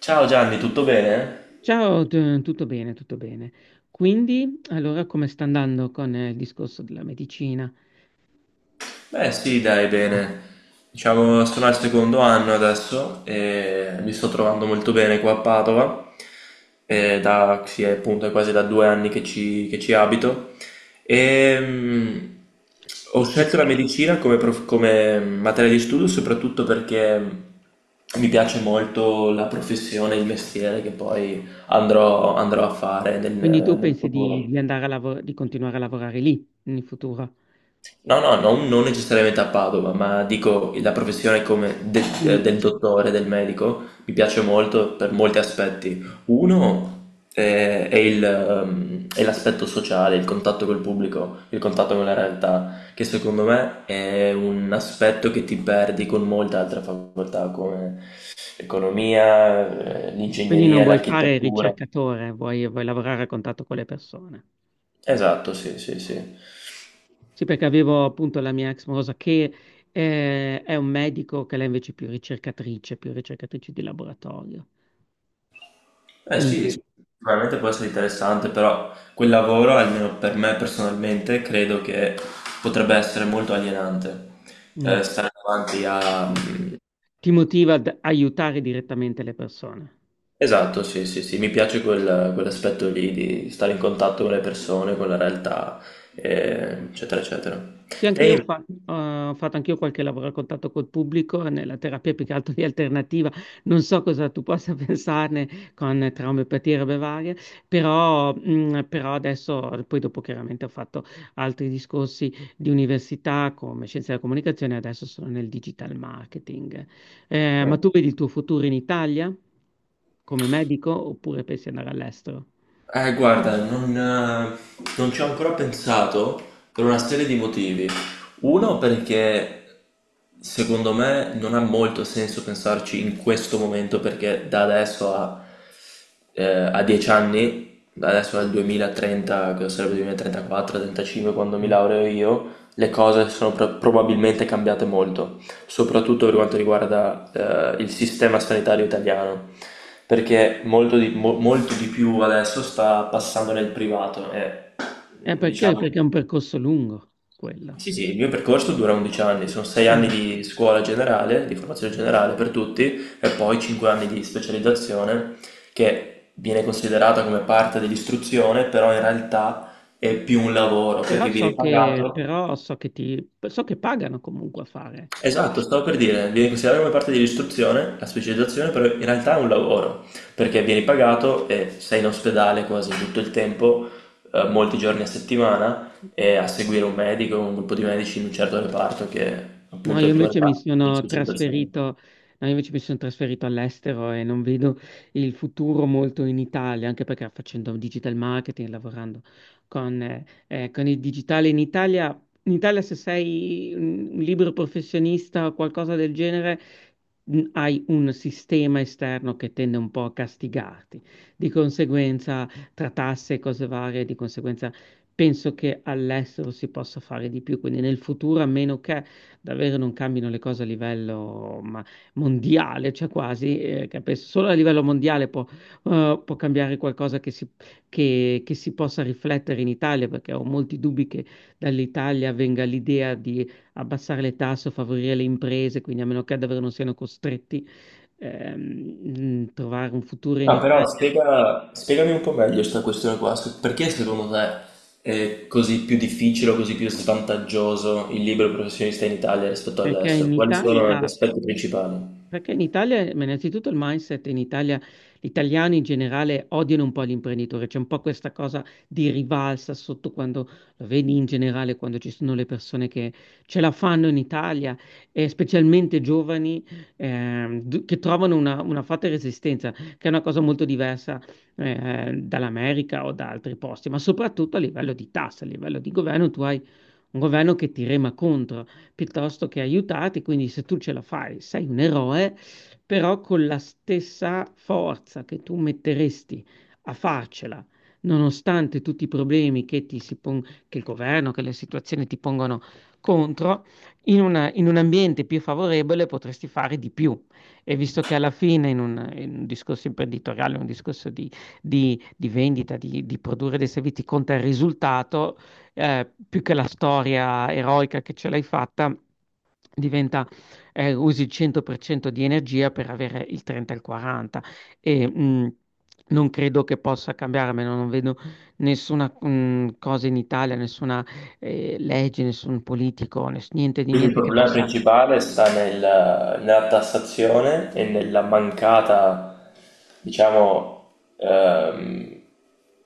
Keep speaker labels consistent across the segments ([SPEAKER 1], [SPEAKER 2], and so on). [SPEAKER 1] Ciao Gianni, tutto bene?
[SPEAKER 2] Ciao, tutto bene, tutto bene. Quindi, allora, come sta andando con il discorso della medicina?
[SPEAKER 1] Beh sì, dai, bene. Diciamo, sono al secondo anno adesso e mi sto trovando molto bene qua a Padova. Sì, è appunto è quasi da 2 anni che ci abito. E ho
[SPEAKER 2] E- e
[SPEAKER 1] scelto la medicina come materia di studio soprattutto perché mi piace molto la professione, il mestiere che poi andrò a fare nel
[SPEAKER 2] Quindi tu pensi di,
[SPEAKER 1] futuro.
[SPEAKER 2] di andare a lavorare, di continuare a lavorare lì in futuro?
[SPEAKER 1] No, no, non necessariamente a Padova, ma dico la professione come de- eh,
[SPEAKER 2] Quindi,
[SPEAKER 1] del dottore, del medico, mi piace molto per molti aspetti. Uno è l'aspetto sociale, il contatto col pubblico, il contatto con la realtà, che secondo me è un aspetto che ti perdi con molte altre facoltà come l'economia,
[SPEAKER 2] quindi, non
[SPEAKER 1] l'ingegneria,
[SPEAKER 2] vuoi fare il
[SPEAKER 1] l'architettura.
[SPEAKER 2] ricercatore, vuoi lavorare a contatto con le persone.
[SPEAKER 1] Esatto, sì, sì, sì.
[SPEAKER 2] Sì, perché avevo appunto la mia ex morosa che è un medico, che lei invece è più ricercatrice di laboratorio.
[SPEAKER 1] Eh sì, sì,
[SPEAKER 2] Quindi,
[SPEAKER 1] sicuramente può essere interessante, però quel lavoro, almeno per me personalmente, credo che potrebbe essere molto alienante.
[SPEAKER 2] mm,
[SPEAKER 1] Stare davanti a...
[SPEAKER 2] Ti motiva ad aiutare direttamente le persone.
[SPEAKER 1] Esatto, sì, sì, sì, mi piace quell'aspetto lì di stare in contatto con le persone, con la realtà, eccetera, eccetera.
[SPEAKER 2] Sì, anche io
[SPEAKER 1] Te
[SPEAKER 2] eh, ho fatto anch'io qualche lavoro a contatto col pubblico nella terapia più che altro di alternativa. Non so cosa tu possa pensarne con traumopatie e robe varie, però, però adesso, poi dopo chiaramente ho fatto altri discorsi di università come scienze della comunicazione, adesso sono nel digital marketing. Ma
[SPEAKER 1] invece—
[SPEAKER 2] tu vedi il tuo futuro in Italia come medico oppure pensi di andare all'estero?
[SPEAKER 1] Guarda, non ci ho ancora pensato per una serie di motivi. Uno perché secondo me non ha molto senso pensarci in questo momento perché da adesso eh, a 10 anni, da adesso al 2030, che sarebbe 2034-35 quando mi laureo io, le cose sono probabilmente cambiate molto soprattutto per quanto riguarda il sistema sanitario italiano, perché molto di più adesso sta passando nel privato e
[SPEAKER 2] Perché?
[SPEAKER 1] diciamo...
[SPEAKER 2] Perché è un percorso lungo quello.
[SPEAKER 1] Sì, sì, il mio percorso dura 11 anni, sono 6 anni
[SPEAKER 2] Mm.
[SPEAKER 1] di scuola generale, di formazione generale per tutti e poi 5 anni di specializzazione che viene considerata come parte dell'istruzione, però in realtà è più un lavoro
[SPEAKER 2] Però
[SPEAKER 1] perché
[SPEAKER 2] so
[SPEAKER 1] viene
[SPEAKER 2] che,
[SPEAKER 1] pagato.
[SPEAKER 2] però so che so che pagano comunque a fare.
[SPEAKER 1] Esatto, stavo per dire, viene considerata come parte dell'istruzione, la specializzazione, però in realtà è un lavoro, perché vieni pagato e sei in ospedale quasi tutto il tempo, molti giorni a settimana, e a seguire un medico, un gruppo di medici in un certo reparto che
[SPEAKER 2] No,
[SPEAKER 1] appunto è
[SPEAKER 2] io
[SPEAKER 1] il tuo
[SPEAKER 2] invece mi
[SPEAKER 1] reparto di
[SPEAKER 2] sono
[SPEAKER 1] specializzazione.
[SPEAKER 2] trasferito, no, io invece mi sono trasferito all'estero e non vedo il futuro molto in Italia, anche perché facendo digital marketing, lavorando con con il digitale in Italia se sei un libero professionista o qualcosa del genere, hai un sistema esterno che tende un po' a castigarti. Di conseguenza, tra tasse e cose varie, di conseguenza penso che all'estero si possa fare di più, quindi nel futuro, a meno che davvero non cambino le cose a livello mondiale, cioè quasi, che penso solo a livello mondiale può, può cambiare qualcosa che si possa riflettere in Italia, perché ho molti dubbi che dall'Italia venga l'idea di abbassare le tasse o favorire le imprese, quindi a meno che davvero non siano costretti trovare un futuro in
[SPEAKER 1] Ah, però
[SPEAKER 2] Italia,
[SPEAKER 1] spiegami un po' meglio questa questione qua, perché secondo te è così più difficile o così più svantaggioso il libero professionista in Italia rispetto
[SPEAKER 2] perché
[SPEAKER 1] all'estero?
[SPEAKER 2] in
[SPEAKER 1] Quali sono gli
[SPEAKER 2] Italia
[SPEAKER 1] aspetti principali?
[SPEAKER 2] Perché in Italia, ma innanzitutto il mindset in Italia, gli italiani in generale odiano un po' l'imprenditore, c'è un po' questa cosa di rivalsa sotto quando lo vedi in generale, quando ci sono le persone che ce la fanno in Italia, e specialmente giovani che trovano una forte resistenza, che è una cosa molto diversa dall'America o da altri posti, ma soprattutto a livello di tasse, a livello di governo, tu hai un governo che ti rema contro piuttosto che aiutati, quindi se tu ce la fai, sei un eroe, però con la stessa forza che tu metteresti a farcela, nonostante tutti i problemi che, che il governo, che le situazioni ti pongono contro, in un ambiente più favorevole potresti fare di più. E visto che alla fine in un discorso imprenditoriale, un discorso di vendita, di produrre dei servizi, conta il risultato, più che la storia eroica che ce l'hai fatta, diventa, usi il 100% di energia per avere il 30 e il 40. E, mh, Non credo che possa cambiare, a meno non vedo nessuna cosa in Italia, nessuna legge, nessun politico, niente di
[SPEAKER 1] Quindi il
[SPEAKER 2] niente che
[SPEAKER 1] problema
[SPEAKER 2] possa.
[SPEAKER 1] principale sta nella tassazione e nella mancata, diciamo,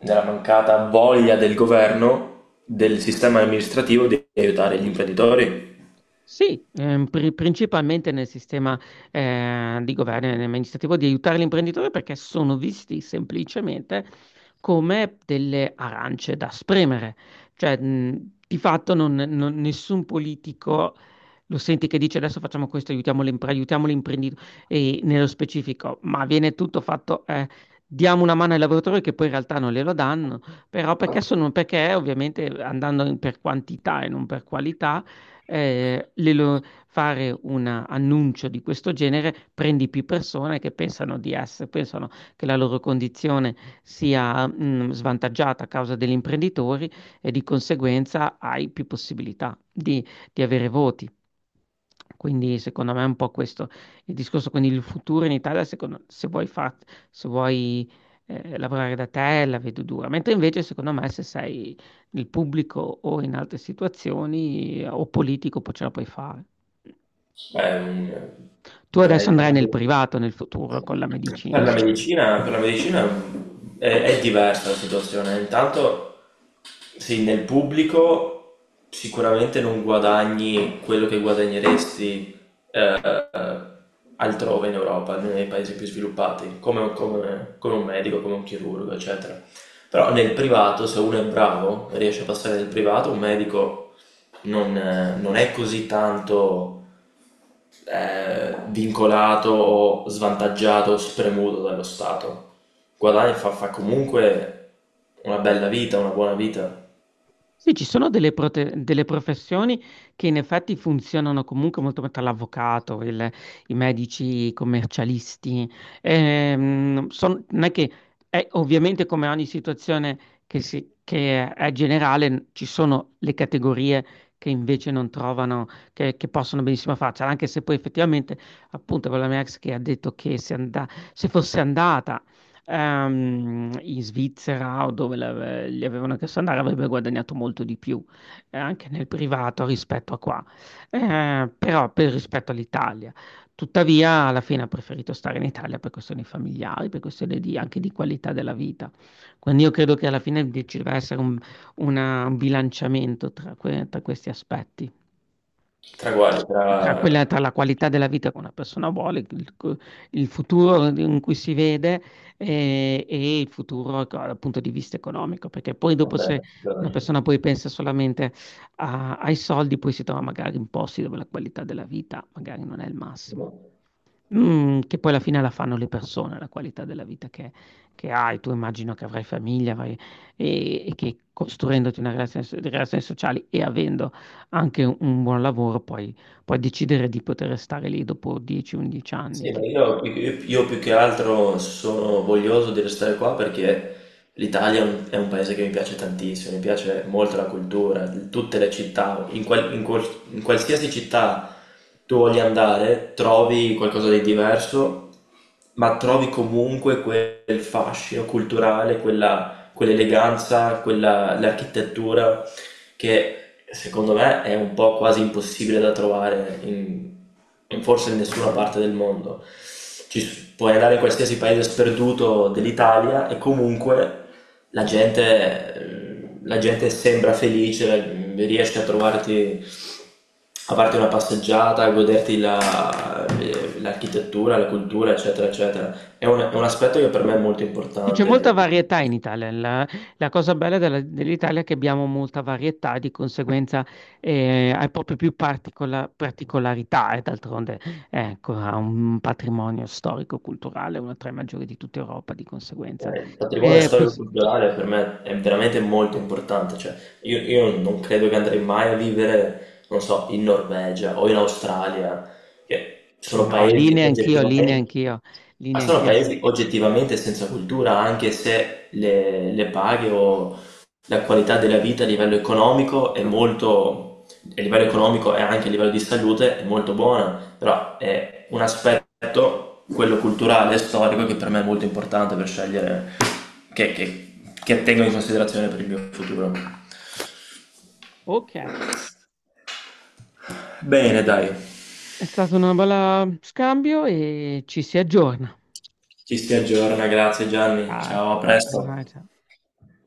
[SPEAKER 1] nella mancata voglia del governo, del sistema amministrativo di aiutare gli imprenditori.
[SPEAKER 2] Sì, principalmente nel sistema di governo e nel sistema amministrativo di aiutare l'imprenditore perché sono visti semplicemente come delle arance da spremere. Cioè, di fatto nessun politico lo senti che dice adesso facciamo questo, aiutiamo l'imprenditore, e nello specifico, ma viene tutto fatto, diamo una mano ai lavoratori che poi in realtà non glielo danno, perché ovviamente per quantità e non per qualità eh, le lo- fare un annuncio di questo genere prendi più persone che pensano che la loro condizione sia, svantaggiata a causa degli imprenditori e di conseguenza hai più possibilità di avere voti. Quindi secondo me è un po' questo il discorso. Quindi il futuro in Italia, se vuoi, se vuoi lavorare da te, la vedo dura. Mentre invece secondo me se sei il pubblico o in altre situazioni o politico poi ce la puoi fare.
[SPEAKER 1] Beh,
[SPEAKER 2] Tu
[SPEAKER 1] per,
[SPEAKER 2] adesso andrai
[SPEAKER 1] per
[SPEAKER 2] nel privato nel futuro con la
[SPEAKER 1] per
[SPEAKER 2] medicina,
[SPEAKER 1] la
[SPEAKER 2] no?
[SPEAKER 1] medicina, per la medicina è, diversa la situazione. Intanto, sì, nel pubblico sicuramente non guadagni quello che guadagneresti eh, altrove in Europa, nei paesi più sviluppati, come un medico, come un chirurgo, eccetera. Però nel privato, se uno è bravo, riesce a passare nel privato, un medico non è così tanto è vincolato o svantaggiato o spremuto dallo Stato. Guadagna e fa comunque una bella vita, una buona vita.
[SPEAKER 2] Sì, ci sono delle professioni che in effetti funzionano comunque molto bene, tra l'avvocato, i medici, i commercialisti. Non è che è ovviamente come ogni situazione che è generale, ci sono le categorie che invece non trovano, che possono benissimo farcela, anche se poi effettivamente, appunto, con la mia ex che ha detto che se fosse andata in Svizzera o dove li avevano chiesto di andare avrebbe guadagnato molto di più, anche nel privato rispetto a qua, però per rispetto all'Italia. Tuttavia, alla fine ha preferito stare in Italia per questioni familiari, per anche di qualità della vita. Quindi io credo che alla fine ci deve essere un bilanciamento tra questi aspetti.
[SPEAKER 1] Tra guai, tra—
[SPEAKER 2] Tra quella, tra la qualità della vita che una persona vuole, il futuro in cui si vede il futuro dal punto di vista economico, perché poi dopo
[SPEAKER 1] Vabbè,
[SPEAKER 2] se una persona
[SPEAKER 1] guadagna.
[SPEAKER 2] poi pensa solamente ai soldi, poi si trova magari in posti dove la qualità della vita magari non è il massimo. Mm, che poi alla fine la fanno le persone, la qualità della vita che hai. Tu immagino che avrai famiglia, e che costruendoti una relazione, di relazioni sociali e avendo anche un buon lavoro, poi puoi decidere di poter stare lì dopo 10-11 anni,
[SPEAKER 1] Sì,
[SPEAKER 2] che
[SPEAKER 1] ma io più che altro sono voglioso di restare qua perché l'Italia è un paese che mi piace tantissimo, mi piace molto la cultura, tutte le città, in qualsiasi città tu voglia andare, trovi qualcosa di diverso, ma trovi comunque quel fascino culturale, quella, quell'eleganza, quella, l'architettura che secondo me è un po' quasi impossibile da trovare in, in forse in nessuna parte del mondo. Puoi andare in qualsiasi paese sperduto dell'Italia e comunque la gente sembra felice, riesce a trovarti a parte una passeggiata, a goderti l'architettura, la cultura, eccetera, eccetera. È un aspetto che per me è molto
[SPEAKER 2] sì, c'è
[SPEAKER 1] importante.
[SPEAKER 2] molta varietà in Italia. La cosa bella dell'Italia è che abbiamo molta varietà, di conseguenza hai proprio più particolarità e d'altronde ecco, ha un patrimonio storico-culturale, una tra i maggiori di tutta Europa, di conseguenza.
[SPEAKER 1] Il patrimonio
[SPEAKER 2] Eh, pos-
[SPEAKER 1] storico-culturale per me è veramente molto importante, cioè io non credo che andrei mai a vivere, non so, in Norvegia o in Australia, che
[SPEAKER 2] sì,
[SPEAKER 1] sono
[SPEAKER 2] no, lì
[SPEAKER 1] paesi
[SPEAKER 2] neanch'io, lì
[SPEAKER 1] oggettivamente,
[SPEAKER 2] neanch'io, lì
[SPEAKER 1] ma sono
[SPEAKER 2] neanch'io.
[SPEAKER 1] paesi oggettivamente senza cultura, anche se le paghe o la qualità della vita a livello economico a livello economico e anche a livello di salute è molto buona, però è un aspetto, quello culturale e storico, che per me è molto importante per scegliere che tengo in considerazione per il mio futuro.
[SPEAKER 2] Ok, è
[SPEAKER 1] Bene, dai,
[SPEAKER 2] stato un bel scambio e ci si aggiorna.
[SPEAKER 1] ci si aggiorna, grazie Gianni,
[SPEAKER 2] Ah,
[SPEAKER 1] ciao, a presto.
[SPEAKER 2] ciao.